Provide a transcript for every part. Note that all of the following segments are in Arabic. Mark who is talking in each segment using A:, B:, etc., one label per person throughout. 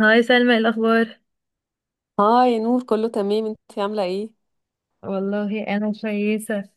A: هاي سلمى، إيه الأخبار؟
B: اه، يا نور، كله تمام. انتي عاملة ايه؟
A: والله انا كويسه.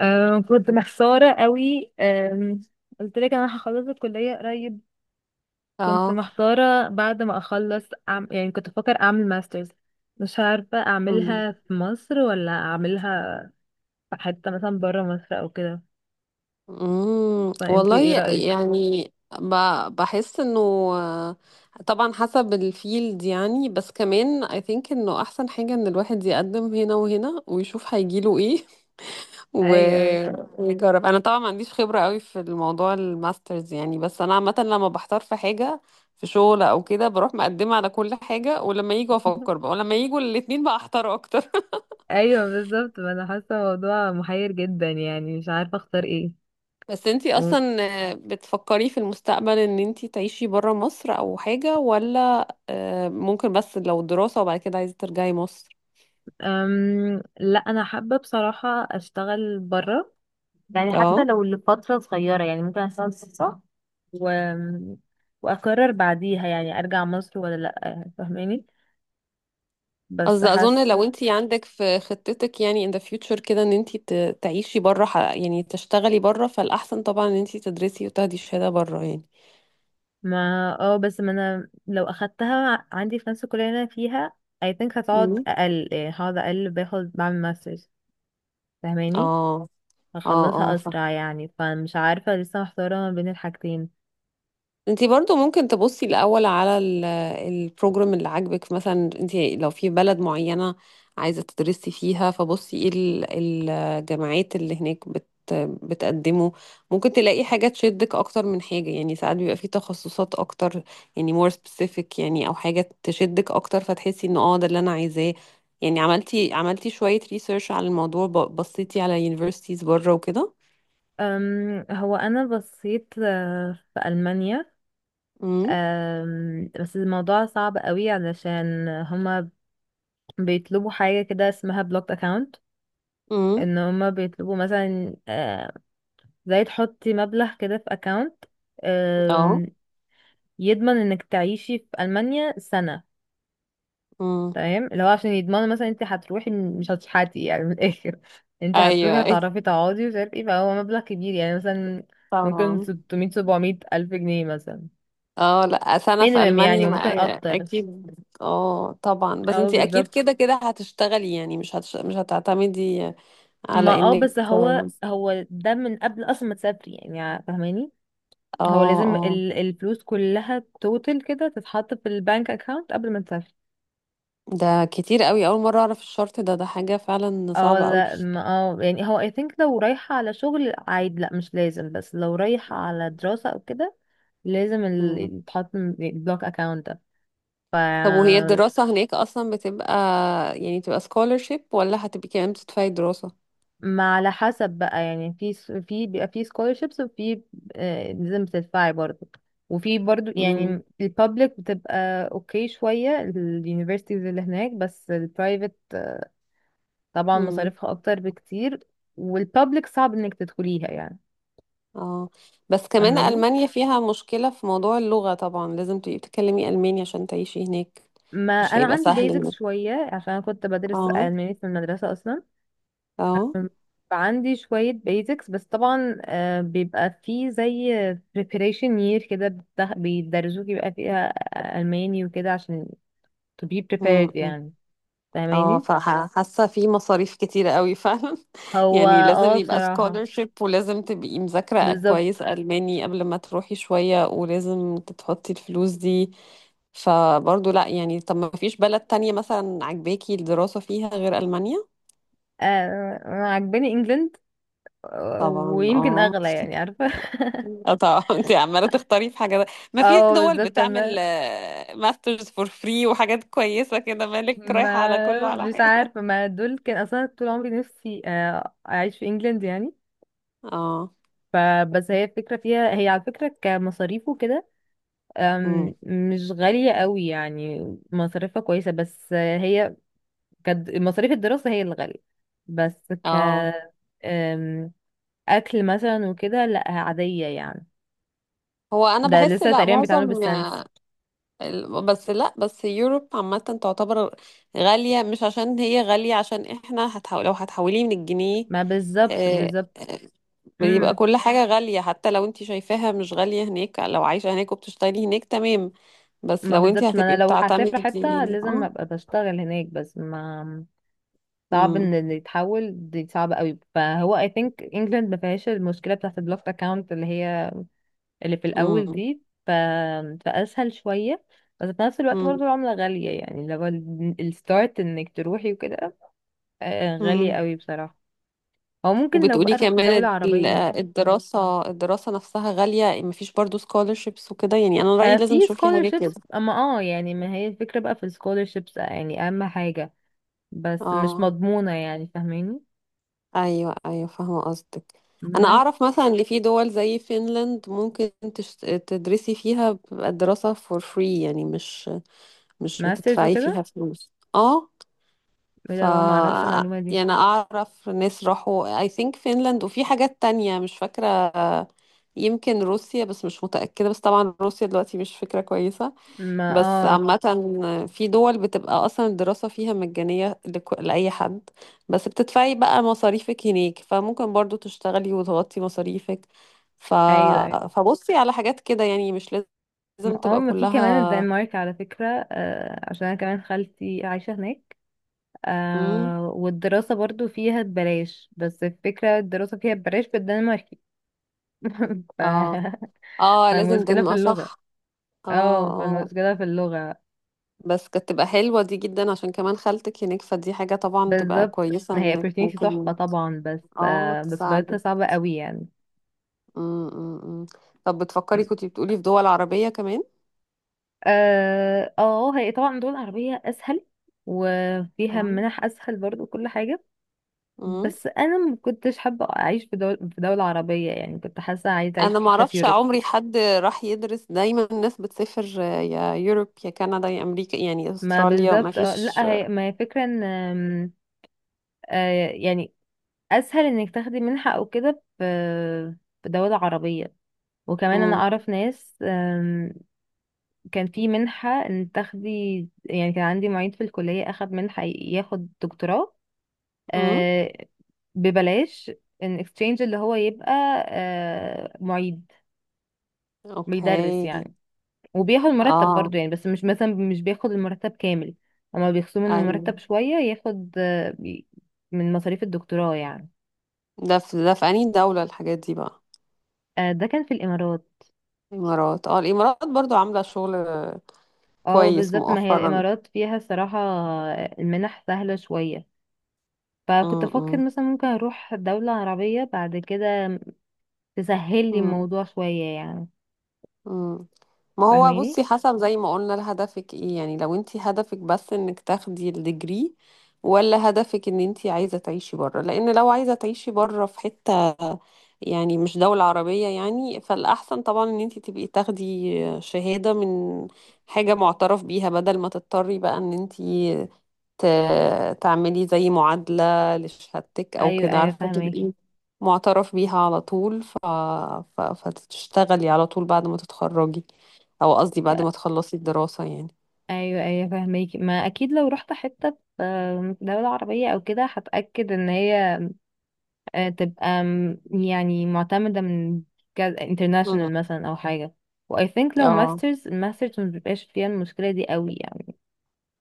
A: أه كنت محتاره قوي، قلت لك انا هخلص الكليه قريب. كنت
B: اه.
A: محتاره بعد ما اخلص، يعني كنت بفكر اعمل ماسترز. مش عارفه
B: مم.
A: اعملها في مصر ولا اعملها في حته مثلا بره مصر او كده،
B: مم.
A: فانت ايه
B: والله
A: رايك؟
B: يعني، بحس انه آه، طبعا حسب الفيلد، يعني بس كمان I think انه احسن حاجة ان الواحد يقدم هنا وهنا ويشوف هيجيله ايه. و...
A: ايوه، ايوه.
B: ويجرب. انا طبعا ما عنديش خبرة قوي في الموضوع الماسترز يعني، بس انا عامة لما بحتار في حاجة، في شغل او كده، بروح مقدمة على كل حاجة، ولما يجوا افكر بقى، ولما يجوا الاتنين بقى احتار اكتر.
A: ايوه بالظبط، ما انا حاسه الموضوع محير جدا يعني مش عارفه اختار ايه.
B: بس انتي
A: و...
B: اصلا بتفكري في المستقبل ان انتي تعيشي برا مصر او حاجة، ولا ممكن بس لو دراسة وبعد كده عايزة ترجعي مصر؟
A: لا انا حابه بصراحه اشتغل بره، يعني حتى
B: اه.
A: لو لفترة صغيرة يعني ممكن أشتغل فترة و... وأقرر بعديها يعني أرجع مصر ولا لأ، فاهماني؟ بس
B: قصدي اظن لو
A: حاسة.
B: انتي عندك في خطتك يعني in the future كده ان انتي تعيشي برا، يعني تشتغلي برا، فالاحسن طبعا ان انتي تدرسي وتاخدي شهادة برا يعني.
A: ما اه، بس ما أنا لو أخدتها عندي في نفس الكلية اللي أنا فيها، I think هتقعد
B: امم.
A: أقل، يعني هقعد أقل باخد بعمل ماسترز، فاهماني؟
B: اه، اه،
A: هخلصها
B: اه.
A: أسرع يعني، فمش عارفة لسه محتارة ما بين الحاجتين.
B: انتي برضو ممكن تبصي الاول على البروجرام اللي عاجبك، مثلا انتي لو في بلد معينة عايزة تدرسي فيها، فبصي ايه الجامعات اللي هناك بتقدمه. ممكن تلاقي حاجة تشدك اكتر من حاجة. يعني ساعات بيبقى في تخصصات اكتر، يعني more specific يعني، او حاجة تشدك اكتر فتحسي ان ده اللي انا عايزاه. يعني عملتي شوية ريسيرش على الموضوع، بصيتي على universities بره وكده.
A: هو أنا بصيت في ألمانيا.
B: امم.
A: بس الموضوع صعب قوي علشان هما بيطلبوا حاجة كده اسمها بلوك اكاونت،
B: امم.
A: ان هما بيطلبوا مثلا زي تحطي مبلغ كده في اكاونت
B: اه.
A: يضمن انك تعيشي في المانيا سنة.
B: امم.
A: تمام، اللي هو عشان يضمنوا مثلا انت هتروحي مش هتشحتي يعني من الاخر، انت هتروحي
B: ايوه، أيوة.
A: هتعرفي تقعدي ومش عارف ايه، فهو مبلغ كبير يعني، مثلا ممكن
B: طبعا.
A: 600 700 الف جنيه مثلا،
B: اه. لا، سنة في
A: مينيمم يعني،
B: ألمانيا ما
A: وممكن اكتر
B: أكيد. اه طبعا. بس
A: او
B: انتي أكيد
A: بالظبط.
B: كده كده هتشتغلي، يعني مش هتعتمدي
A: ما
B: على
A: اه،
B: انك.
A: بس هو
B: اه
A: هو ده من قبل اصلا ما تسافري يعني، فاهماني؟ هو لازم
B: اه.
A: الفلوس كلها توتال كده تتحط في البنك اكاونت قبل ما تسافر.
B: ده كتير قوي، أول مرة أعرف الشرط ده. ده حاجة فعلا
A: اه
B: صعبة قوي.
A: لا، ما اه يعني، هو I think لو رايحة على شغل عادي لا مش لازم، بس لو رايحة على دراسة او كده لازم
B: مم.
A: يتحط البلوك اكاونت ده. ف
B: طب وهي الدراسة هناك أصلا بتبقى يعني تبقى scholarship، ولا هتبقي كمان بتدفعي دراسة؟
A: ما على حسب بقى يعني، في بيبقى في scholarships، وفي لازم تدفعي برضه. وفي برضه
B: مم.
A: يعني، البابليك بتبقى اوكي شوية اليونيفرسيتيز اللي هناك، بس البرايفت طبعا
B: مم.
A: مصاريفها اكتر بكتير، والبابليك صعب انك تدخليها يعني،
B: اه. بس كمان
A: فاهماني؟
B: ألمانيا فيها مشكلة في موضوع اللغة. طبعا لازم تبقي بتتكلمي ألماني عشان تعيشي هناك.
A: ما
B: مش
A: انا
B: هيبقى
A: عندي
B: سهل.
A: بيزكس شويه عشان انا كنت بدرس
B: اه.
A: الماني في المدرسه اصلا،
B: اه.
A: فعندي شويه بيزكس، بس طبعا بيبقى في زي preparation year كده بيدرسوك يبقى فيها الماني وكده، عشان to be
B: أمم،
A: prepared
B: أمم.
A: يعني،
B: اه،
A: فاهماني؟
B: فحاسه في مصاريف كتيره قوي فعلا.
A: هو
B: يعني لازم
A: اه
B: يبقى
A: بصراحه
B: scholarship، ولازم تبقي مذاكره كويس
A: بالظبط.
B: الماني قبل ما تروحي شويه، ولازم تحطي الفلوس دي. فبرضه لا يعني، طب ما فيش بلد تانية مثلا عجباكي الدراسه فيها غير المانيا؟
A: أنا عجباني انجلند،
B: طبعا.
A: ويمكن
B: اه.
A: اغلى يعني، عارفه
B: اه طبعا. انت عماله تختاري في حاجه. ده ما في
A: اه
B: دول
A: بالظبط
B: بتعمل
A: انا،
B: ماسترز فور فري وحاجات كويسه كده، مالك رايحه على كله
A: ما
B: على
A: مش
B: حاجه.
A: عارفة، ما دول كان أصلا طول عمري نفسي أعيش في إنجلند يعني،
B: اه.
A: فبس هي الفكرة فيها، هي على فكرة كمصاريف وكده
B: امم.
A: مش غالية قوي يعني، مصاريفها كويسة، بس هي مصاريف الدراسة هي اللي غالية. بس ك
B: اه.
A: آم، أكل مثلا وكده لأ عادية يعني،
B: هو انا
A: ده
B: بحس
A: لسه
B: لا،
A: تقريبا بيتعملوا
B: معظم
A: بالسنس.
B: بس لا، بس يوروب عامة تعتبر غالية، مش عشان هي غالية، عشان احنا هتحول، لو هتحوليه من الجنيه.
A: ما بالظبط
B: آه،
A: بالظبط.
B: آه، بيبقى
A: امم.
B: كل حاجة غالية، حتى لو انت شايفاها مش غالية هناك. لو عايشة هناك وبتشتري هناك تمام، بس
A: ما
B: لو انت
A: بالظبط، ما
B: هتبقي
A: انا لو هسافر حتة
B: بتعتمدي
A: لازم ابقى بشتغل هناك، بس ما، صعب
B: امم.
A: ان اللي يتحول دي صعبة قوي، فهو I think England ما فيهاش المشكلة بتاعت البلوك اكاونت اللي هي اللي في الاول دي، فاسهل شوية. بس في نفس الوقت برضو العملة غالية يعني، لو الستارت انك تروحي وكده غالية
B: امم.
A: قوي بصراحة، او ممكن لو
B: وبتقولي
A: بقى رحت دولة
B: كمان
A: عربية.
B: الدراسة نفسها غالية، مفيش برضو scholarships وكده، يعني أنا رأيي
A: في
B: لازم تشوفي حاجة كده.
A: scholarships، اما اه يعني، ما هي الفكرة بقى في ال scholarships، يعني اهم حاجة، بس مش
B: اه.
A: مضمونة يعني، فاهماني؟
B: أيوة، أيوة، فاهمة قصدك. أنا
A: بس
B: أعرف مثلا اللي في دول زي فنلند، ممكن تدرسي فيها، بتبقى الدراسة for free يعني. مش
A: ماسترز
B: بتدفعي فيها
A: وكده.
B: فلوس. اه. ف
A: لا، ما اعرفش المعلومة دي.
B: يعني أعرف ناس راحوا I think فنلند، وفي حاجات تانية مش فاكرة. يمكن روسيا، بس مش متأكدة، بس طبعا روسيا دلوقتي مش فكرة كويسة.
A: ما
B: بس
A: اه.
B: عامة في دول بتبقى أصلا الدراسة فيها مجانية لأي حد، بس بتدفعي بقى مصاريفك هناك، فممكن برضو تشتغلي وتغطي مصاريفك. ف...
A: ايوه، ايوه.
B: فبصي على حاجات كده، يعني مش لازم
A: اه
B: تبقى
A: ما في كمان
B: كلها.
A: الدنمارك على فكرة، آه، عشان انا كمان خالتي عايشة هناك،
B: مم.
A: آه، والدراسة برضو فيها ببلاش، بس الفكرة الدراسة فيها ببلاش بالدنماركي ف...
B: اه، اه، لازم
A: فالمشكلة في
B: دنمارك،
A: اللغة.
B: صح. اه.
A: اه،
B: اه.
A: فالمشكلة في اللغة.
B: بس كانت تبقى حلوة دي جدا، عشان كمان خالتك هناك، فدي حاجة طبعا تبقى
A: بالظبط.
B: كويسة،
A: هي
B: انك
A: opportunity تحفة
B: ممكن
A: طبعا، بس
B: اه
A: آه بس لغتها
B: تساعدك.
A: صعبة قوي يعني.
B: مم، مم، مم. طب بتفكري، كنتي بتقولي في دول عربية كمان؟
A: اه، هي طبعا دول عربية اسهل، وفيها منح اسهل برضو كل حاجة.
B: مم.
A: بس انا ما كنتش حابه اعيش في دوله عربيه يعني، كنت حاسه عايزه اعيش
B: انا
A: في
B: ما
A: حته في
B: اعرفش،
A: يوروب.
B: عمري حد راح يدرس، دايما الناس بتسافر يا يوروب، يا كندا، يا امريكا، يعني
A: ما
B: استراليا ما
A: بالظبط،
B: فيش.
A: لا هي ما هي فكره ان يعني اسهل انك تاخدي منحه او كده في دوله عربيه، وكمان انا
B: مم.
A: اعرف ناس، كان في منحه ان تاخدي، يعني كان عندي معيد في الكليه اخد منحه ياخد دكتوراه،
B: مم.
A: آه، ببلاش، ان اكستشينج اللي هو يبقى معيد بيدرس
B: اوكي.
A: يعني، وبياخد مرتب
B: اه.
A: برضو يعني، بس مش مثلا مش بياخد المرتب كامل. هما بيخصموا من
B: ايوه.
A: المرتب شوية ياخد من مصاريف الدكتوراه يعني.
B: ده في، ده في انهي دولة الحاجات دي بقى؟
A: ده كان في الإمارات.
B: الامارات برضو عاملة شغل
A: اه
B: كويس
A: بالظبط، ما هي
B: مؤخرا.
A: الإمارات فيها صراحة المنح سهلة شوية، فكنت
B: مم.
A: أفكر مثلا ممكن أروح دولة عربية بعد كده تسهل لي
B: مم.
A: الموضوع شوية يعني.
B: مم. ما هو
A: فاهماني؟
B: بصي، حسب زي ما قلنا، لهدفك ايه؟ يعني لو انت هدفك بس انك تاخدي الديجري، ولا هدفك ان انت عايزة تعيشي بره؟ لان لو عايزة تعيشي بره في حتة، يعني مش دولة عربية، يعني فالاحسن طبعا ان انت تبقي تاخدي شهادة من حاجة معترف بيها، بدل ما تضطري بقى ان انت تعملي زي معادلة لشهادتك أو
A: أيوة،
B: كده.
A: أيوة،
B: عارفة
A: فاهماكي.
B: تبقي معترف بيها على طول، فتشتغلي على طول بعد ما تتخرجي، أو قصدي بعد
A: ف-
B: ما تخلصي الدراسة يعني.
A: أيوة، أيوة، فاهماكي، ما أكيد لو رحت حتة في دولة عربية أو كده هتأكد إن هي تبقى يعني معتمدة من
B: مم.
A: انترناشونال مثلا أو حاجة، و I think لو
B: اه،
A: الماسترز مبيبقاش فيها المشكلة دي قوي يعني،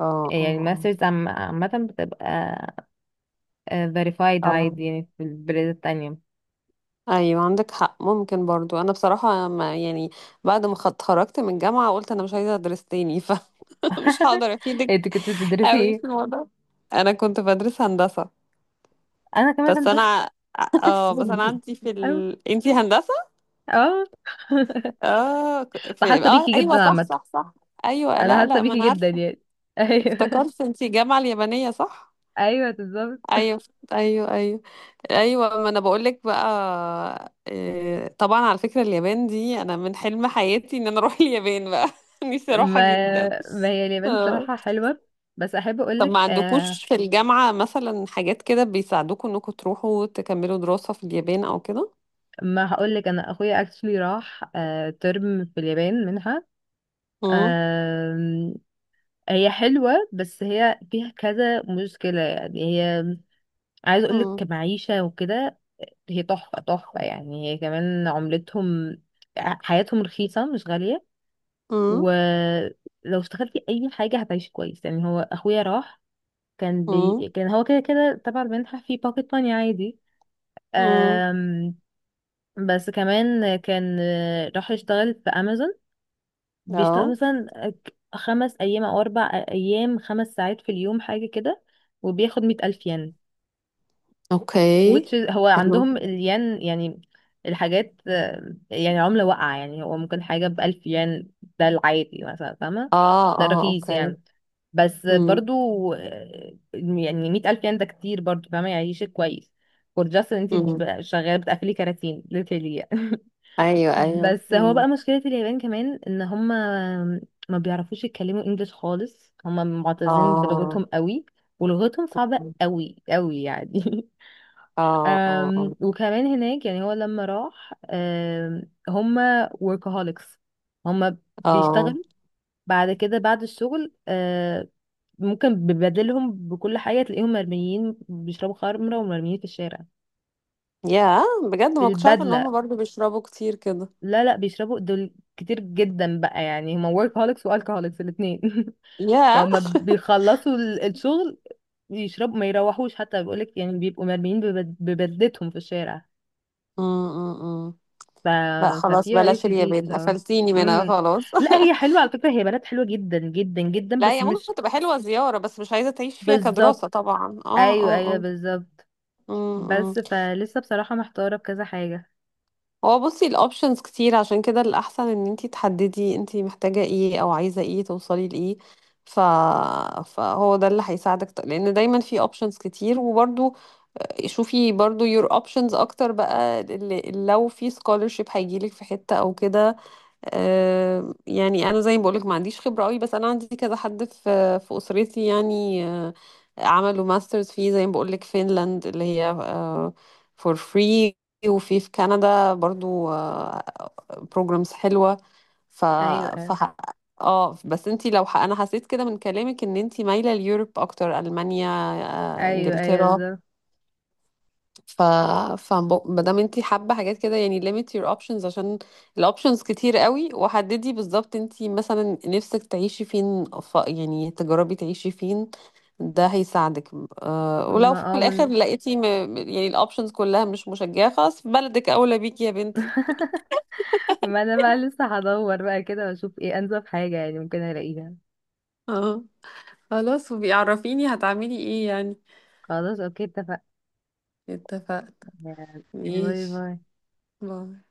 B: اه،
A: يعني
B: اه،
A: الماسترز عامة بتبقى verified
B: اه. آه.
A: عادي يعني في البلاد التانية.
B: ايوه عندك حق. ممكن برضو، انا بصراحه ما يعني بعد ما اتخرجت من الجامعه قلت انا مش عايزه ادرس تاني. فمش هقدر افيدك
A: انت كنت بتدرسي
B: قوي
A: ايه؟
B: في الموضوع. انا كنت بدرس هندسه.
A: أنا كمان
B: بس
A: هندسة
B: انا اه بس انا عندي في
A: أيوة.
B: انتي هندسه.
A: اه،
B: اه، في
A: فحاسة
B: اه
A: بيكي
B: ايوه،
A: جدا
B: صح،
A: عامة.
B: صح، صح. ايوه،
A: أنا
B: لا،
A: حاسة
B: لا، ما انا
A: بيكي جدا
B: عارفه.
A: يعني أيوه.
B: افتكرت انتي الجامعه اليابانيه، صح؟
A: أيوه بالظبط.
B: ايوه. ايوه، ايوه، ايوه. ما انا بقول لك بقى إيه، طبعا على فكره اليابان دي انا من حلم حياتي ان انا اروح اليابان بقى. نفسي
A: ما،
B: اروحها جدا.
A: ما هي اليابان
B: آه.
A: صراحة حلوة. بس أحب
B: طب ما
A: أقولك،
B: عندكوش في الجامعه مثلا حاجات كده بيساعدوكوا انكم تروحوا تكملوا دراسه في اليابان او كده؟
A: ما هقولك، انا اخويا اكشلي راح ترم في اليابان منها.
B: امم.
A: آم، هي حلوة، بس هي فيها كذا مشكلة، يعني هي عايز اقولك
B: امم.
A: كمعيشة وكده، هي تحفة تحفة يعني، هي كمان عملتهم حياتهم رخيصة مش غالية، ولو اشتغلتي اي حاجة هتعيشي كويس يعني. هو اخويا راح،
B: امم.
A: كان هو كده كده تبع المنحة في باكيت ماني عادي.
B: امم.
A: آم، بس كمان كان راح يشتغل في امازون، بيشتغل
B: اه.
A: مثلا 5 أيام أو 4 أيام، 5 ساعات في اليوم حاجة كده، وبياخد 100,000 ين،
B: اوكي.
A: which is هو
B: حلو.
A: عندهم الين يعني الحاجات يعني عملة واقعة يعني، هو ممكن حاجة بألف ين، ده العادي مثلا، فاهمة؟
B: اه،
A: ده
B: اه.
A: رخيص
B: اوكي.
A: يعني. بس
B: امم.
A: برضو يعني 100,000 ين ده كتير برضو، فاهمة؟ يعيشك كويس فور جاست ان انتي
B: امم.
A: شغالة بتقفلي كراتين literally يعني.
B: ايوه، ايوه.
A: بس هو
B: امم.
A: بقى مشكلة اليابان كمان، ان هم ما بيعرفوش يتكلموا انجليش خالص، هم معتزين
B: اه،
A: بلغتهم قوي ولغتهم صعبة قوي قوي يعني
B: اه، اه، اه،
A: وكمان هناك يعني، هو لما راح هم workaholics. هم
B: اه.
A: بيشتغلوا بعد كده بعد الشغل، ممكن ببدلهم بكل حاجة تلاقيهم مرميين بيشربوا خمرة ومرميين في الشارع
B: يا، بجد ما كنتش عارفه ان هم
A: بالبدلة.
B: برضو بيشربوا كتير كده.
A: لا، لا، بيشربوا دول كتير جدا بقى، يعني هما workaholics والكهوليكس الاثنين
B: يا.
A: فهم بيخلصوا الشغل يشربوا، ما يروحوش حتى، بيقولك يعني بيبقوا مرميين ببدلتهم في الشارع.
B: امم.
A: ف...
B: لا خلاص،
A: ففي عيوب
B: بلاش
A: كتير
B: اليابان،
A: بصراحة.
B: قفلتيني منها
A: امم.
B: خلاص.
A: لا هي حلوة على فكرة، هي بنات حلوة جدا جدا جدا،
B: لا
A: بس
B: هي
A: مش
B: ممكن تبقى حلوه زياره، بس مش عايزه تعيش فيها كدراسه
A: بالظبط.
B: طبعا. اه،
A: ايوه،
B: اه،
A: ايوه،
B: اه.
A: بالظبط.
B: امم.
A: بس فلسه بصراحة محتارة في كذا حاجة.
B: هو بصي، الاوبشنز كتير، عشان كده الاحسن ان انتي تحددي انتي محتاجة ايه او عايزة ايه، توصلي لايه. ف... فهو ده اللي هيساعدك، لان دايما في اوبشنز كتير. وبرده شوفي برضو your options اكتر بقى، اللي لو في scholarship هيجيلك في حتة او كده. يعني انا زي ما بقولك ما عنديش خبرة قوي، بس انا عندي كذا حد في اسرتي، يعني عملوا ماسترز فيه. زي ما بقولك فينلاند اللي هي for free. وفي كندا برضو programs حلوة. ف
A: ايوه،
B: ف
A: ايوه،
B: اه. بس انتي لو انا حسيت كده من كلامك ان انتي مايلة ليوروب اكتر، المانيا
A: ايوه، ايوه
B: انجلترا.
A: بالظبط.
B: ف ف ما دام انت حابه حاجات كده يعني limit your options، عشان الاوبشنز كتير قوي. وحددي بالظبط انت مثلا نفسك تعيشي فين، يعني تجربي تعيشي فين. ده هيساعدك. ولو
A: ما
B: في
A: اه
B: الاخر
A: من
B: لقيتي يعني الاوبشنز كلها مش مشجعه، خلاص بلدك اولى بيكي يا بنتي.
A: ما انا بقى لسه هدور بقى كده واشوف ايه انسب حاجة يعني ممكن الاقيها.
B: اه. خلاص، وبيعرفيني هتعملي ايه يعني.
A: خلاص، اوكي، اتفقنا.
B: اتفقت. ماشي.
A: باي، باي.
B: باي.